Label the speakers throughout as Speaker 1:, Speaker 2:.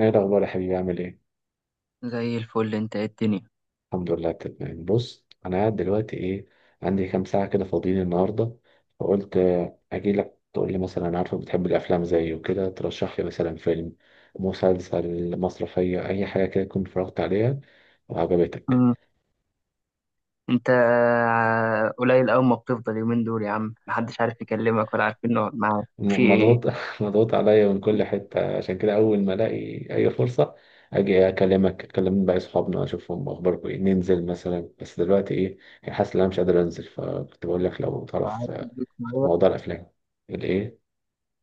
Speaker 1: ايه الاخبار يا حبيبي؟ عامل ايه؟
Speaker 2: زي الفل، انت ايه الدنيا؟
Speaker 1: الحمد لله تمام. بص، انا قاعد دلوقتي، عندي كام ساعه كده فاضيين النهارده، فقلت اجي لك تقول لي مثلا، أنا عارفك بتحب الافلام زيي وكده، ترشح لي مثلا فيلم، مسلسل، مسرحيه، اي حاجه كده كنت اتفرجت عليها وعجبتك.
Speaker 2: مم. انت قليل أوي، ما بتفضل يومين دول يا عم محدش عارف يكلمك ولا عارفين نقعد معاك في
Speaker 1: مضغوط
Speaker 2: ايه؟
Speaker 1: مضغوط عليا من كل حته، عشان كده اول ما الاقي اي فرصه اجي اكلمك، اكلم بقى اصحابنا، اشوفهم اخباركم ايه، ننزل مثلا. بس دلوقتي حاسس ان انا مش قادر انزل، فكنت بقول لك لو تعرف
Speaker 2: قاعد في
Speaker 1: في
Speaker 2: البيت شوية.
Speaker 1: موضوع الافلام الايه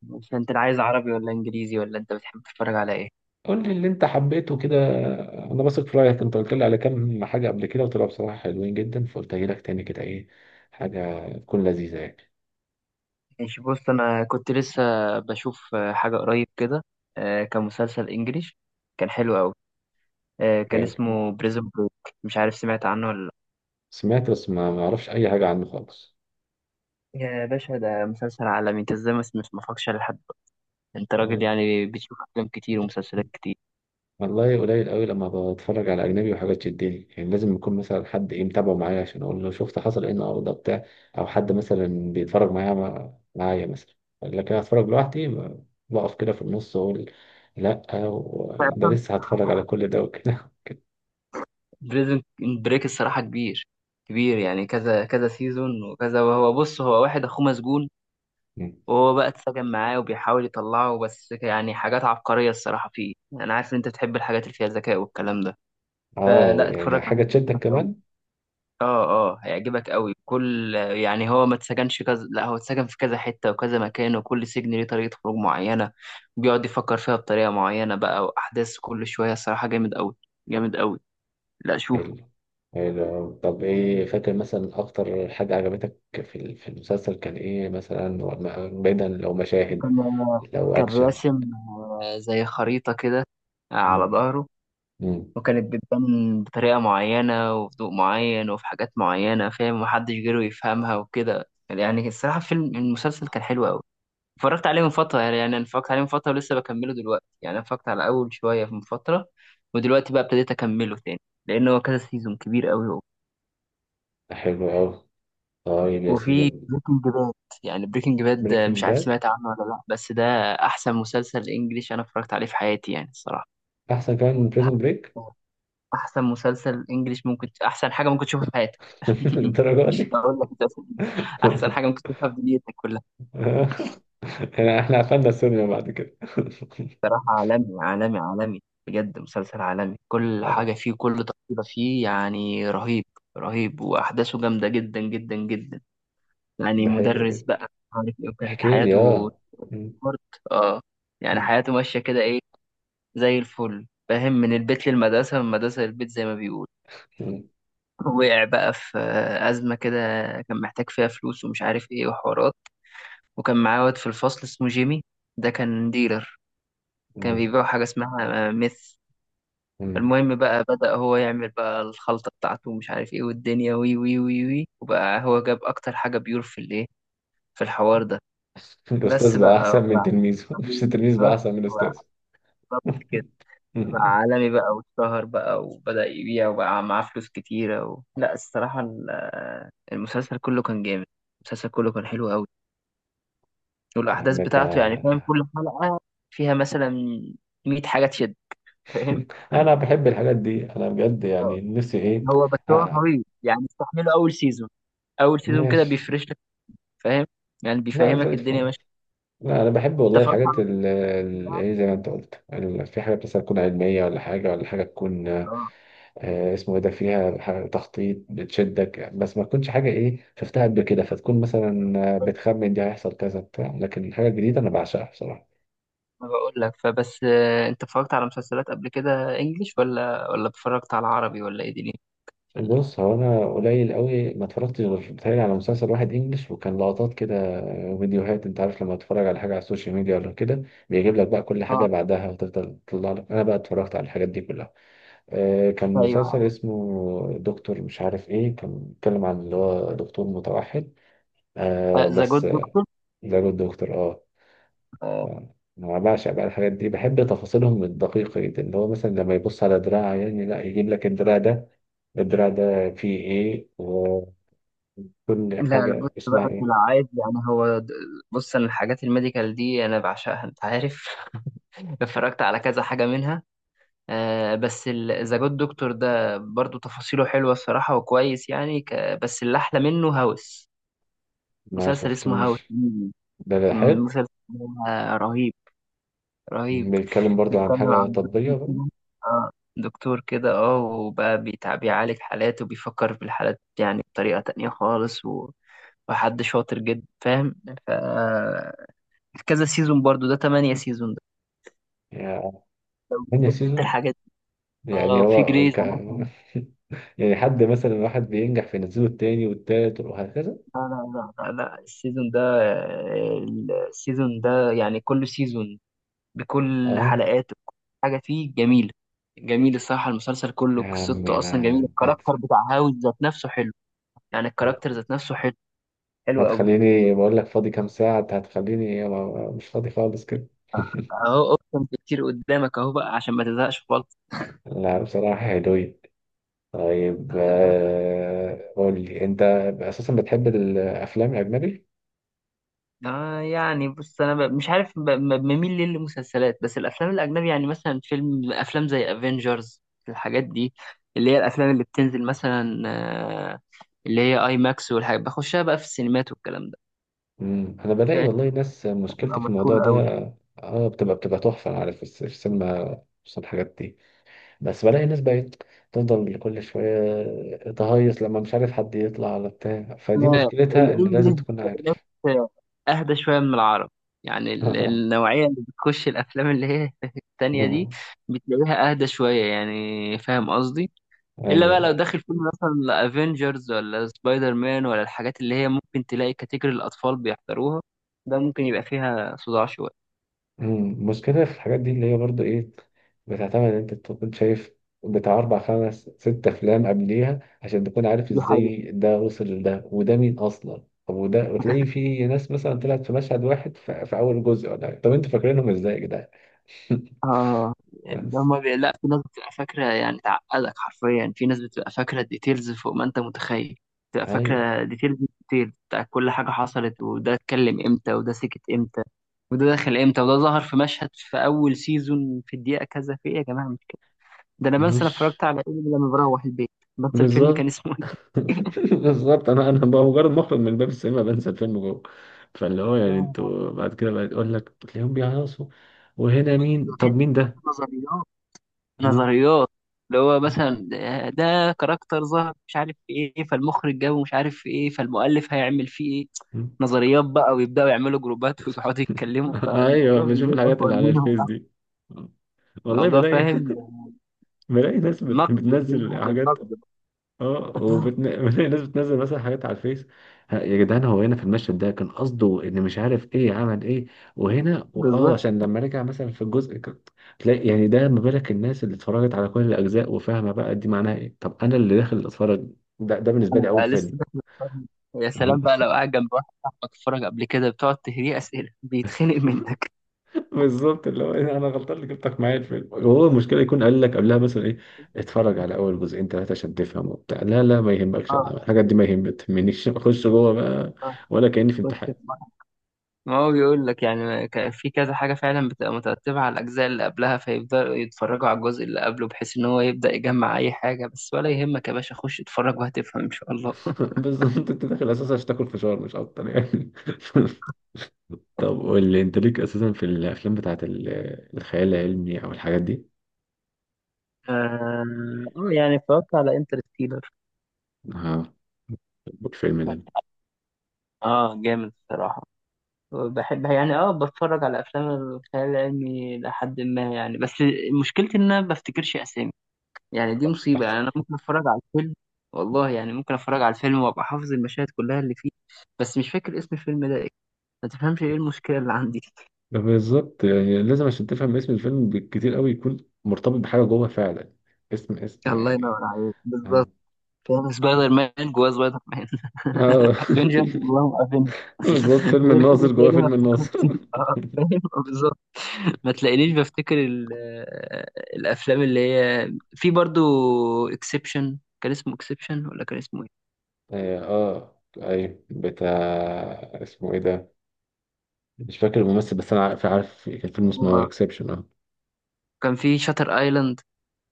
Speaker 2: بس انت اللي عايز عربي ولا انجليزي، ولا انت بتحب تتفرج على ايه؟
Speaker 1: قول لي اللي انت حبيته كده. انا بثق في رايك، انت قلت لي على كام حاجه قبل كده وطلعوا بصراحه حلوين جدا، فقلت اجي لك تاني كده، ايه حاجه تكون لذيذه يعني.
Speaker 2: ماشي، بص انا كنت لسه بشوف حاجة قريب كده. كان مسلسل انجليش، كان حلو أوي. كان
Speaker 1: فاهم؟
Speaker 2: اسمه بريزون بريك، مش عارف سمعت عنه ولا لا.
Speaker 1: سمعت بس ما اعرفش اي حاجه عنه خالص.
Speaker 2: يا باشا ده مسلسل عالمي، انت ازاي ما اتفرجتش عليه لحد دلوقتي؟ انت راجل يعني بتشوف افلام كتير ومسلسلات كتير.
Speaker 1: والله قليل قوي لما بتفرج على اجنبي، وحاجات تشدني يعني لازم يكون مثلا حد ايه متابعه معايا، عشان اقول له شفت حصل ايه النهارده بتاع، او حد مثلا بيتفرج معايا، معايا مثلا. لكن اتفرج لوحدي بقف كده في النص واقول، لا، ده لسه هتفرج على كل ده وكده.
Speaker 2: بريزن بريك الصراحة كبير كبير، يعني كذا كذا سيزون وكذا، وهو بص هو واحد أخوه مسجون،
Speaker 1: مم.
Speaker 2: وهو بقى اتسجن معاه وبيحاول يطلعه، بس يعني حاجات عبقرية الصراحة فيه. أنا عارف إن أنت بتحب الحاجات اللي فيها ذكاء والكلام ده،
Speaker 1: اه
Speaker 2: فلا
Speaker 1: يعني
Speaker 2: اتفرج عليه،
Speaker 1: حاجه تشدك
Speaker 2: هيعجبك أوي.
Speaker 1: كمان.
Speaker 2: اه، اه، هيعجبك أوي. كل يعني هو ما اتسجنش كذا، لا هو اتسجن في كذا حتة وكذا مكان، وكل سجن ليه طريقة خروج معينة، بيقعد يفكر فيها بطريقة معينة بقى، وأحداث كل شوية الصراحة جامد أوي جامد أوي. لا شوف،
Speaker 1: حلو. حلو، طب ايه فاكر مثلا اكتر حاجه عجبتك في في المسلسل، كان ايه مثلا، بعيدا لو مشاهد،
Speaker 2: وكان
Speaker 1: لو
Speaker 2: كان
Speaker 1: اكشن.
Speaker 2: راسم زي خريطة كده، على
Speaker 1: مم.
Speaker 2: ظهره،
Speaker 1: مم.
Speaker 2: وكانت بتبان بطريقة معينة وفي ضوء معين وفي حاجات معينة، فاهم، محدش غيره يفهمها وكده. يعني الصراحة فيلم المسلسل كان حلو أوي. اتفرجت عليه من فترة، يعني أنا اتفرجت عليه من فترة ولسه بكمله دلوقتي، يعني أنا اتفرجت على أول شوية من فترة، ودلوقتي بقى ابتديت أكمله تاني، لأن هو كذا سيزون كبير أوي.
Speaker 1: حلو أوي. طيب يا سيدي،
Speaker 2: وفي بريكنج باد، يعني بريكنج باد ده مش
Speaker 1: بريكنج
Speaker 2: عارف
Speaker 1: باد
Speaker 2: سمعت عنه ولا لا، بس ده احسن مسلسل انجليش انا اتفرجت عليه في حياتي يعني الصراحه.
Speaker 1: أحسن كمان من
Speaker 2: ده
Speaker 1: بريزون بريك؟
Speaker 2: احسن مسلسل انجليش، ممكن احسن حاجه ممكن تشوفها في حياتك.
Speaker 1: للدرجة
Speaker 2: مش
Speaker 1: دي؟
Speaker 2: هقول لك مسلسل إنجليش، احسن حاجه ممكن تشوفها في دنيتك كلها.
Speaker 1: يعني إحنا قفلنا السينما بعد كده.
Speaker 2: صراحه عالمي عالمي عالمي، بجد مسلسل عالمي، كل
Speaker 1: خلاص.
Speaker 2: حاجه فيه، كل تفصيله فيه، يعني رهيب رهيب، واحداثه جامده جدا جدا جدا. يعني
Speaker 1: ده حلو
Speaker 2: مدرس
Speaker 1: جدا،
Speaker 2: بقى مش عارف ايه، وكانت
Speaker 1: احكي لي.
Speaker 2: حياته
Speaker 1: آه، م-
Speaker 2: برد، اه، يعني
Speaker 1: م-
Speaker 2: حياته ماشية كده ايه، زي الفل فاهم، من البيت للمدرسة، من المدرسة للبيت زي ما بيقول.
Speaker 1: م-
Speaker 2: وقع بقى في أزمة كده، كان محتاج فيها فلوس ومش عارف ايه وحوارات، وكان معاه واد في الفصل اسمه جيمي، ده كان ديلر، كان
Speaker 1: م-
Speaker 2: بيبيع حاجة اسمها ميث.
Speaker 1: م.
Speaker 2: المهم بقى بدأ هو يعمل بقى الخلطة بتاعته ومش عارف ايه، والدنيا وي وي وي وي، وبقى هو جاب أكتر حاجة بيور في الايه، في الحوار ده. بس
Speaker 1: الأستاذ بقى
Speaker 2: بقى
Speaker 1: أحسن من
Speaker 2: وبعد،
Speaker 1: تلميذه، مش التلميذ بقى أحسن من الأستاذ.
Speaker 2: بالظبط كده، بقى عالمي بقى، واتشهر بقى، وبدأ يبيع، وبقى معاه فلوس كتيرة لا الصراحة المسلسل كله كان جامد، المسلسل كله كان حلو قوي،
Speaker 1: يا
Speaker 2: والأحداث
Speaker 1: عم أنت.
Speaker 2: بتاعته يعني فاهم، كل حلقة فيها مثلا 100 حاجة تشد، فاهم.
Speaker 1: انا بحب الحاجات دي، انا بجد
Speaker 2: آه.
Speaker 1: يعني نفسي ايه.
Speaker 2: هو بس
Speaker 1: آه.
Speaker 2: طويل، يعني استحمله أول سيزون. أول سيزون كده
Speaker 1: ماشي.
Speaker 2: بيفرش لك، فاهم، يعني
Speaker 1: لا
Speaker 2: بيفهمك
Speaker 1: زي
Speaker 2: الدنيا
Speaker 1: الفل.
Speaker 2: ماشية.
Speaker 1: لا انا بحب
Speaker 2: أنت
Speaker 1: والله
Speaker 2: فاهم
Speaker 1: الحاجات
Speaker 2: على
Speaker 1: اللي
Speaker 2: طول؟
Speaker 1: ايه، زي ما انت قلت في حاجات مثلا تكون علميه، ولا حاجه ولا حاجه تكون
Speaker 2: آه.
Speaker 1: اسمه ايه ده، فيها حاجة تخطيط بتشدك، بس ما تكونش حاجه ايه شفتها قبل كده، فتكون مثلا بتخمن دي هيحصل كذا بتاع، لكن الحاجه الجديده انا بعشقها بصراحه.
Speaker 2: ما بقول لك، فبس انت اتفرجت على مسلسلات قبل كده انجليش ولا اتفرجت على عربي، ولا ايه دي في
Speaker 1: بص هو انا قليل قوي ما اتفرجتش، غير بتهيألي على مسلسل واحد انجلش، وكان لقطات كده وفيديوهات، انت عارف لما تتفرج على حاجه على السوشيال ميديا ولا كده، بيجيب لك بقى كل حاجه
Speaker 2: اه،
Speaker 1: بعدها وتفضل تطلع لك، انا بقى اتفرجت على الحاجات دي كلها. كان
Speaker 2: ايوه،
Speaker 1: مسلسل اسمه دكتور مش عارف ايه، كان بيتكلم عن اللي هو دكتور متوحد. آه
Speaker 2: ذا
Speaker 1: بس
Speaker 2: جود دكتور.
Speaker 1: ده جود دكتور اه. ف- انا بعشق بقى الحاجات دي، بحب تفاصيلهم الدقيقة جدا، اللي هو مثلا لما يبص على دراع عيان، لا يجيب لك الدراع ده، الدراع ده فيه ايه، وكل
Speaker 2: لا لا، بص
Speaker 1: حاجة اسمها
Speaker 2: بقى انت لو
Speaker 1: ايه.
Speaker 2: عايز يعني بص انا الحاجات الميديكال دي انا بعشقها، انت عارف. اتفرجت على كذا حاجه منها. آه بس ذا جود دكتور ده برضو تفاصيله حلوه الصراحه وكويس يعني بس اللي احلى منه هاوس،
Speaker 1: ما
Speaker 2: مسلسل اسمه هاوس.
Speaker 1: شفتوش.
Speaker 2: مم.
Speaker 1: ده ده حلو.
Speaker 2: المسلسل ده رهيب رهيب.
Speaker 1: بيتكلم برضو عن
Speaker 2: بيتكلم
Speaker 1: حاجة
Speaker 2: عن
Speaker 1: طبية
Speaker 2: دكتور
Speaker 1: برضو؟
Speaker 2: كده آه دكتور كده. اه وبقى بيعالج حالات، وبيفكر في الحالات يعني بطريقة تانية خالص، وحد شاطر جدا، فاهم. ف كذا سيزون برضو ده، تمانية سيزون ده.
Speaker 1: يعني تاني
Speaker 2: بتحب انت
Speaker 1: سيزون؟
Speaker 2: الحاجات دي؟
Speaker 1: يعني
Speaker 2: اه، في
Speaker 1: هو
Speaker 2: جريز أناتومي.
Speaker 1: كان يعني حد مثلا واحد بينجح فينزله التاني والتالت وهكذا؟
Speaker 2: لا لا لا لا لا، السيزون ده يعني كل سيزون بكل
Speaker 1: اه.
Speaker 2: حلقاته، بكل حاجة فيه جميلة، جميل الصراحة المسلسل كله،
Speaker 1: يا عمي
Speaker 2: قصته أصلا
Speaker 1: ما
Speaker 2: جميلة.
Speaker 1: هت...
Speaker 2: الكاركتر بتاع هاوز ذات نفسه حلو، يعني الكاركتر ذات نفسه حلو، حلو قوي.
Speaker 1: هتخليني بقول لك فاضي كام ساعة، أنت هتخليني مش فاضي خالص كده.
Speaker 2: اهو اوبشن كتير قدامك اهو، بقى عشان ما تزهقش خالص.
Speaker 1: لا بصراحة حلوين. طيب
Speaker 2: بس
Speaker 1: قول لي أنت أساسا بتحب الأفلام الأجنبي؟
Speaker 2: يعني بص انا مش عارف، بميل ليه للمسلسلات، بس الافلام الاجنبي يعني مثلا فيلم، افلام زي افنجرز، الحاجات دي، اللي هي الافلام اللي بتنزل مثلا، اللي هي اي ماكس، والحاجات بخشها بقى في السينمات والكلام ده.
Speaker 1: مم. أنا بلاقي
Speaker 2: فاهم؟
Speaker 1: والله ناس مشكلتي
Speaker 2: بتبقى
Speaker 1: في الموضوع
Speaker 2: مشهوره
Speaker 1: ده،
Speaker 2: قوي.
Speaker 1: اه بتبقى تحفة عارف في في السينما خصوصا الحاجات دي، بس بلاقي ناس بقت تفضل كل شوية تهيص لما مش عارف حد يطلع ولا بتاع، فدي مشكلتها إن
Speaker 2: الانجليش
Speaker 1: لازم تكون
Speaker 2: بتلاقي
Speaker 1: عارف.
Speaker 2: ناس اهدى شويه من العرب، يعني النوعيه اللي بتخش الافلام اللي هي التانية دي، بتلاقيها اهدى شويه، يعني فاهم قصدي. الا بقى لو
Speaker 1: أيوة.
Speaker 2: داخل فيلم مثلا افنجرز ولا سبايدر مان ولا الحاجات اللي هي، ممكن تلاقي كاتيجوري الاطفال بيحضروها، ده ممكن يبقى فيها صداع شويه.
Speaker 1: أمم، مشكلة في الحاجات دي اللي هي برضو إيه، بتعتمد إن أنت تكون شايف بتاع أربع خمس ست أفلام قبليها، عشان تكون عارف
Speaker 2: دي حقيقة.
Speaker 1: إزاي ده وصل لده، وده مين أصلا، طب وده، وتلاقي في ناس مثلا طلعت في مشهد واحد في, في أول جزء ولا حاجة. طب أنتوا فاكرينهم إزاي يا جدعان؟
Speaker 2: اه، يعني
Speaker 1: بس
Speaker 2: هما لا في ناس بتبقى فاكرة، يعني تعقدك حرفيا، في ناس بتبقى فاكرة ديتيلز فوق ما انت متخيل، بتبقى
Speaker 1: أيوة
Speaker 2: فاكرة ديتيلز ديتيلز بتاع كل حاجة حصلت، وده اتكلم امتى، وده سكت امتى، وده دخل امتى، وده ظهر في مشهد في اول سيزون في الدقيقة كذا، في ايه يا جماعة مش كده؟ ده انا بنسى انا
Speaker 1: مش
Speaker 2: اتفرجت على ايه لما بروح البيت، بنسى الفيلم كان
Speaker 1: بالظبط.
Speaker 2: اسمه ايه.
Speaker 1: بالظبط، انا انا بقى مجرد مخرج من باب السينما بنسى الفيلم جوه. فاللي هو يعني
Speaker 2: يا
Speaker 1: انتوا بعد كده بقى يقول لك تلاقيهم بيهيصوا، وهنا
Speaker 2: لهوي،
Speaker 1: مين
Speaker 2: ده
Speaker 1: طب
Speaker 2: فيلم
Speaker 1: مين ده؟
Speaker 2: نظريات،
Speaker 1: م?
Speaker 2: نظريات. اللي هو مثلا ده كاركتر ظهر مش عارف في ايه، فالمخرج جابه مش عارف في ايه، فالمؤلف هيعمل فيه ايه.
Speaker 1: م?
Speaker 2: نظريات بقى، ويبداوا يعملوا جروبات ويقعدوا يتكلموا،
Speaker 1: ايوه
Speaker 2: فالموضوع
Speaker 1: بشوف
Speaker 2: بيجيب
Speaker 1: الحاجات
Speaker 2: اكبر
Speaker 1: اللي على
Speaker 2: منهم.
Speaker 1: الفيس دي، والله
Speaker 2: الموضوع،
Speaker 1: بلاقي
Speaker 2: فاهم،
Speaker 1: بلاقي ناس
Speaker 2: نقد، بيذهب
Speaker 1: بتنزل حاجات،
Speaker 2: للنقد.
Speaker 1: اه وبتن... ناس بتنزل مثلا حاجات على الفيس: ها يا جدعان، هو هنا في المشهد ده كان قصده ان مش عارف ايه عمل ايه، وهنا اه
Speaker 2: بالظبط،
Speaker 1: عشان لما رجع مثلا في الجزء تلاقي يعني ده، ما بالك الناس اللي اتفرجت على كل الاجزاء وفاهمه بقى دي معناها ايه، طب انا اللي داخل اتفرج، ده بالنسبه لي
Speaker 2: انا
Speaker 1: اول
Speaker 2: بقى لسه
Speaker 1: فيلم.
Speaker 2: داخل الفرن. يا سلام بقى لو قاعد جنب واحد صاحبك اتفرج قبل كده، بتقعد تهريه اسئله بيتخنق منك.
Speaker 1: بالظبط، اللي هو إيه، انا غلطان اللي جبتك معايا الفيلم. وهو المشكله يكون قال لك قبلها مثلا ايه، اتفرج على اول جزئين ثلاثه عشان تفهم وبتاع، لا لا ما يهمكش انا
Speaker 2: اه،
Speaker 1: الحاجات دي ما تهمنيش، اخش جوه بقى
Speaker 2: آه،
Speaker 1: ولا كاني في
Speaker 2: خش.
Speaker 1: امتحان.
Speaker 2: ما هو بيقول لك يعني، في كذا حاجة فعلا بتبقى مترتبة على الأجزاء اللي قبلها، فيبدأوا يتفرجوا على الجزء اللي قبله، بحيث إن هو يبدأ يجمع أي حاجة. بس ولا يهمك يا باشا، خش اتفرج وهتفهم إن شاء الله.
Speaker 1: بالظبط، انت داخل اساسا عشان تاكل فشار مش اكتر يعني. طب قول لي انت ليك اساسا في الافلام بتاعت الخيال العلمي او الحاجات دي؟
Speaker 2: آه يعني اتفرجت على انترستيلر،
Speaker 1: ها، الفيلم ده.
Speaker 2: اه جامد الصراحة. بحب يعني، بتفرج على أفلام الخيال العلمي لحد ما، يعني بس مشكلتي إن أنا ما بفتكرش أسامي، يعني دي مصيبة. يعني أنا ممكن أتفرج على الفيلم، والله يعني ممكن أتفرج على الفيلم وأبقى حافظ المشاهد كلها اللي فيه، بس مش فاكر اسم الفيلم ده، ما تفهمش ايه المشكله اللي عندي.
Speaker 1: ده بالظبط، يعني لازم عشان تفهم اسم الفيلم بالكتير قوي يكون مرتبط بحاجه جوه فعلا، اسم اسم
Speaker 2: الله
Speaker 1: يعني.
Speaker 2: ينور عليك
Speaker 1: اه.
Speaker 2: بالظبط. كان سبايدر مان جواه سبايدر مان.
Speaker 1: اه
Speaker 2: افنجرز اللهم افنجرز.
Speaker 1: بالظبط، فيلم
Speaker 2: غير كده
Speaker 1: الناظر جوه
Speaker 2: تلاقيني ما
Speaker 1: فيلم
Speaker 2: افتكرتش.
Speaker 1: الناظر.
Speaker 2: فاهم، بالظبط، ما تلاقينيش بفتكر الافلام اللي هي في برضو، اكسبشن، كان اسمه اكسبشن ولا كان اسمه ايه.
Speaker 1: اه ايوه بتاع اسمه ايه ده، مش فاكر الممثل، بس انا عارف كان فيلم اسمه
Speaker 2: آه.
Speaker 1: اكسبشن اه.
Speaker 2: كان في شاتر ايلاند،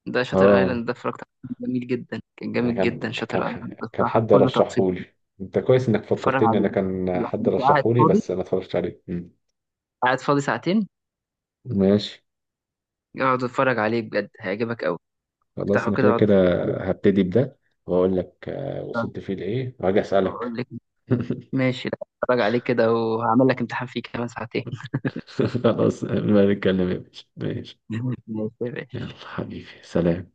Speaker 2: ده شاتر
Speaker 1: اه
Speaker 2: ايلاند ده اتفرجت عليه كان جميل جدا، كان
Speaker 1: يعني
Speaker 2: جامد جدا،
Speaker 1: كان
Speaker 2: شاتر ايلاند
Speaker 1: كان
Speaker 2: بصراحه
Speaker 1: حد
Speaker 2: كل تفصيل.
Speaker 1: رشحهولي. انت كويس انك
Speaker 2: اتفرج
Speaker 1: فكرتني، انا
Speaker 2: عليه،
Speaker 1: كان
Speaker 2: لا
Speaker 1: حد
Speaker 2: انت قاعد
Speaker 1: رشحهولي
Speaker 2: فاضي،
Speaker 1: بس انا اتفرجت عليه. مم.
Speaker 2: قاعد فاضي ساعتين،
Speaker 1: ماشي.
Speaker 2: اقعد اتفرج عليه بجد هيعجبك قوي.
Speaker 1: خلاص
Speaker 2: افتحه
Speaker 1: انا
Speaker 2: كده
Speaker 1: كده
Speaker 2: واقعد
Speaker 1: كده
Speaker 2: اتفرج عليه،
Speaker 1: هبتدي بده، واقول لك وصلت فيه لايه، وهاجي
Speaker 2: اقول
Speaker 1: اسالك.
Speaker 2: لك. ماشي، لا اتفرج عليه كده وهعمل لك امتحان فيه كمان ساعتين.
Speaker 1: خلاص ما نتكلم يا باشا، ماشي.
Speaker 2: ماشي يا
Speaker 1: يلا
Speaker 2: باشا.
Speaker 1: حبيبي سلام.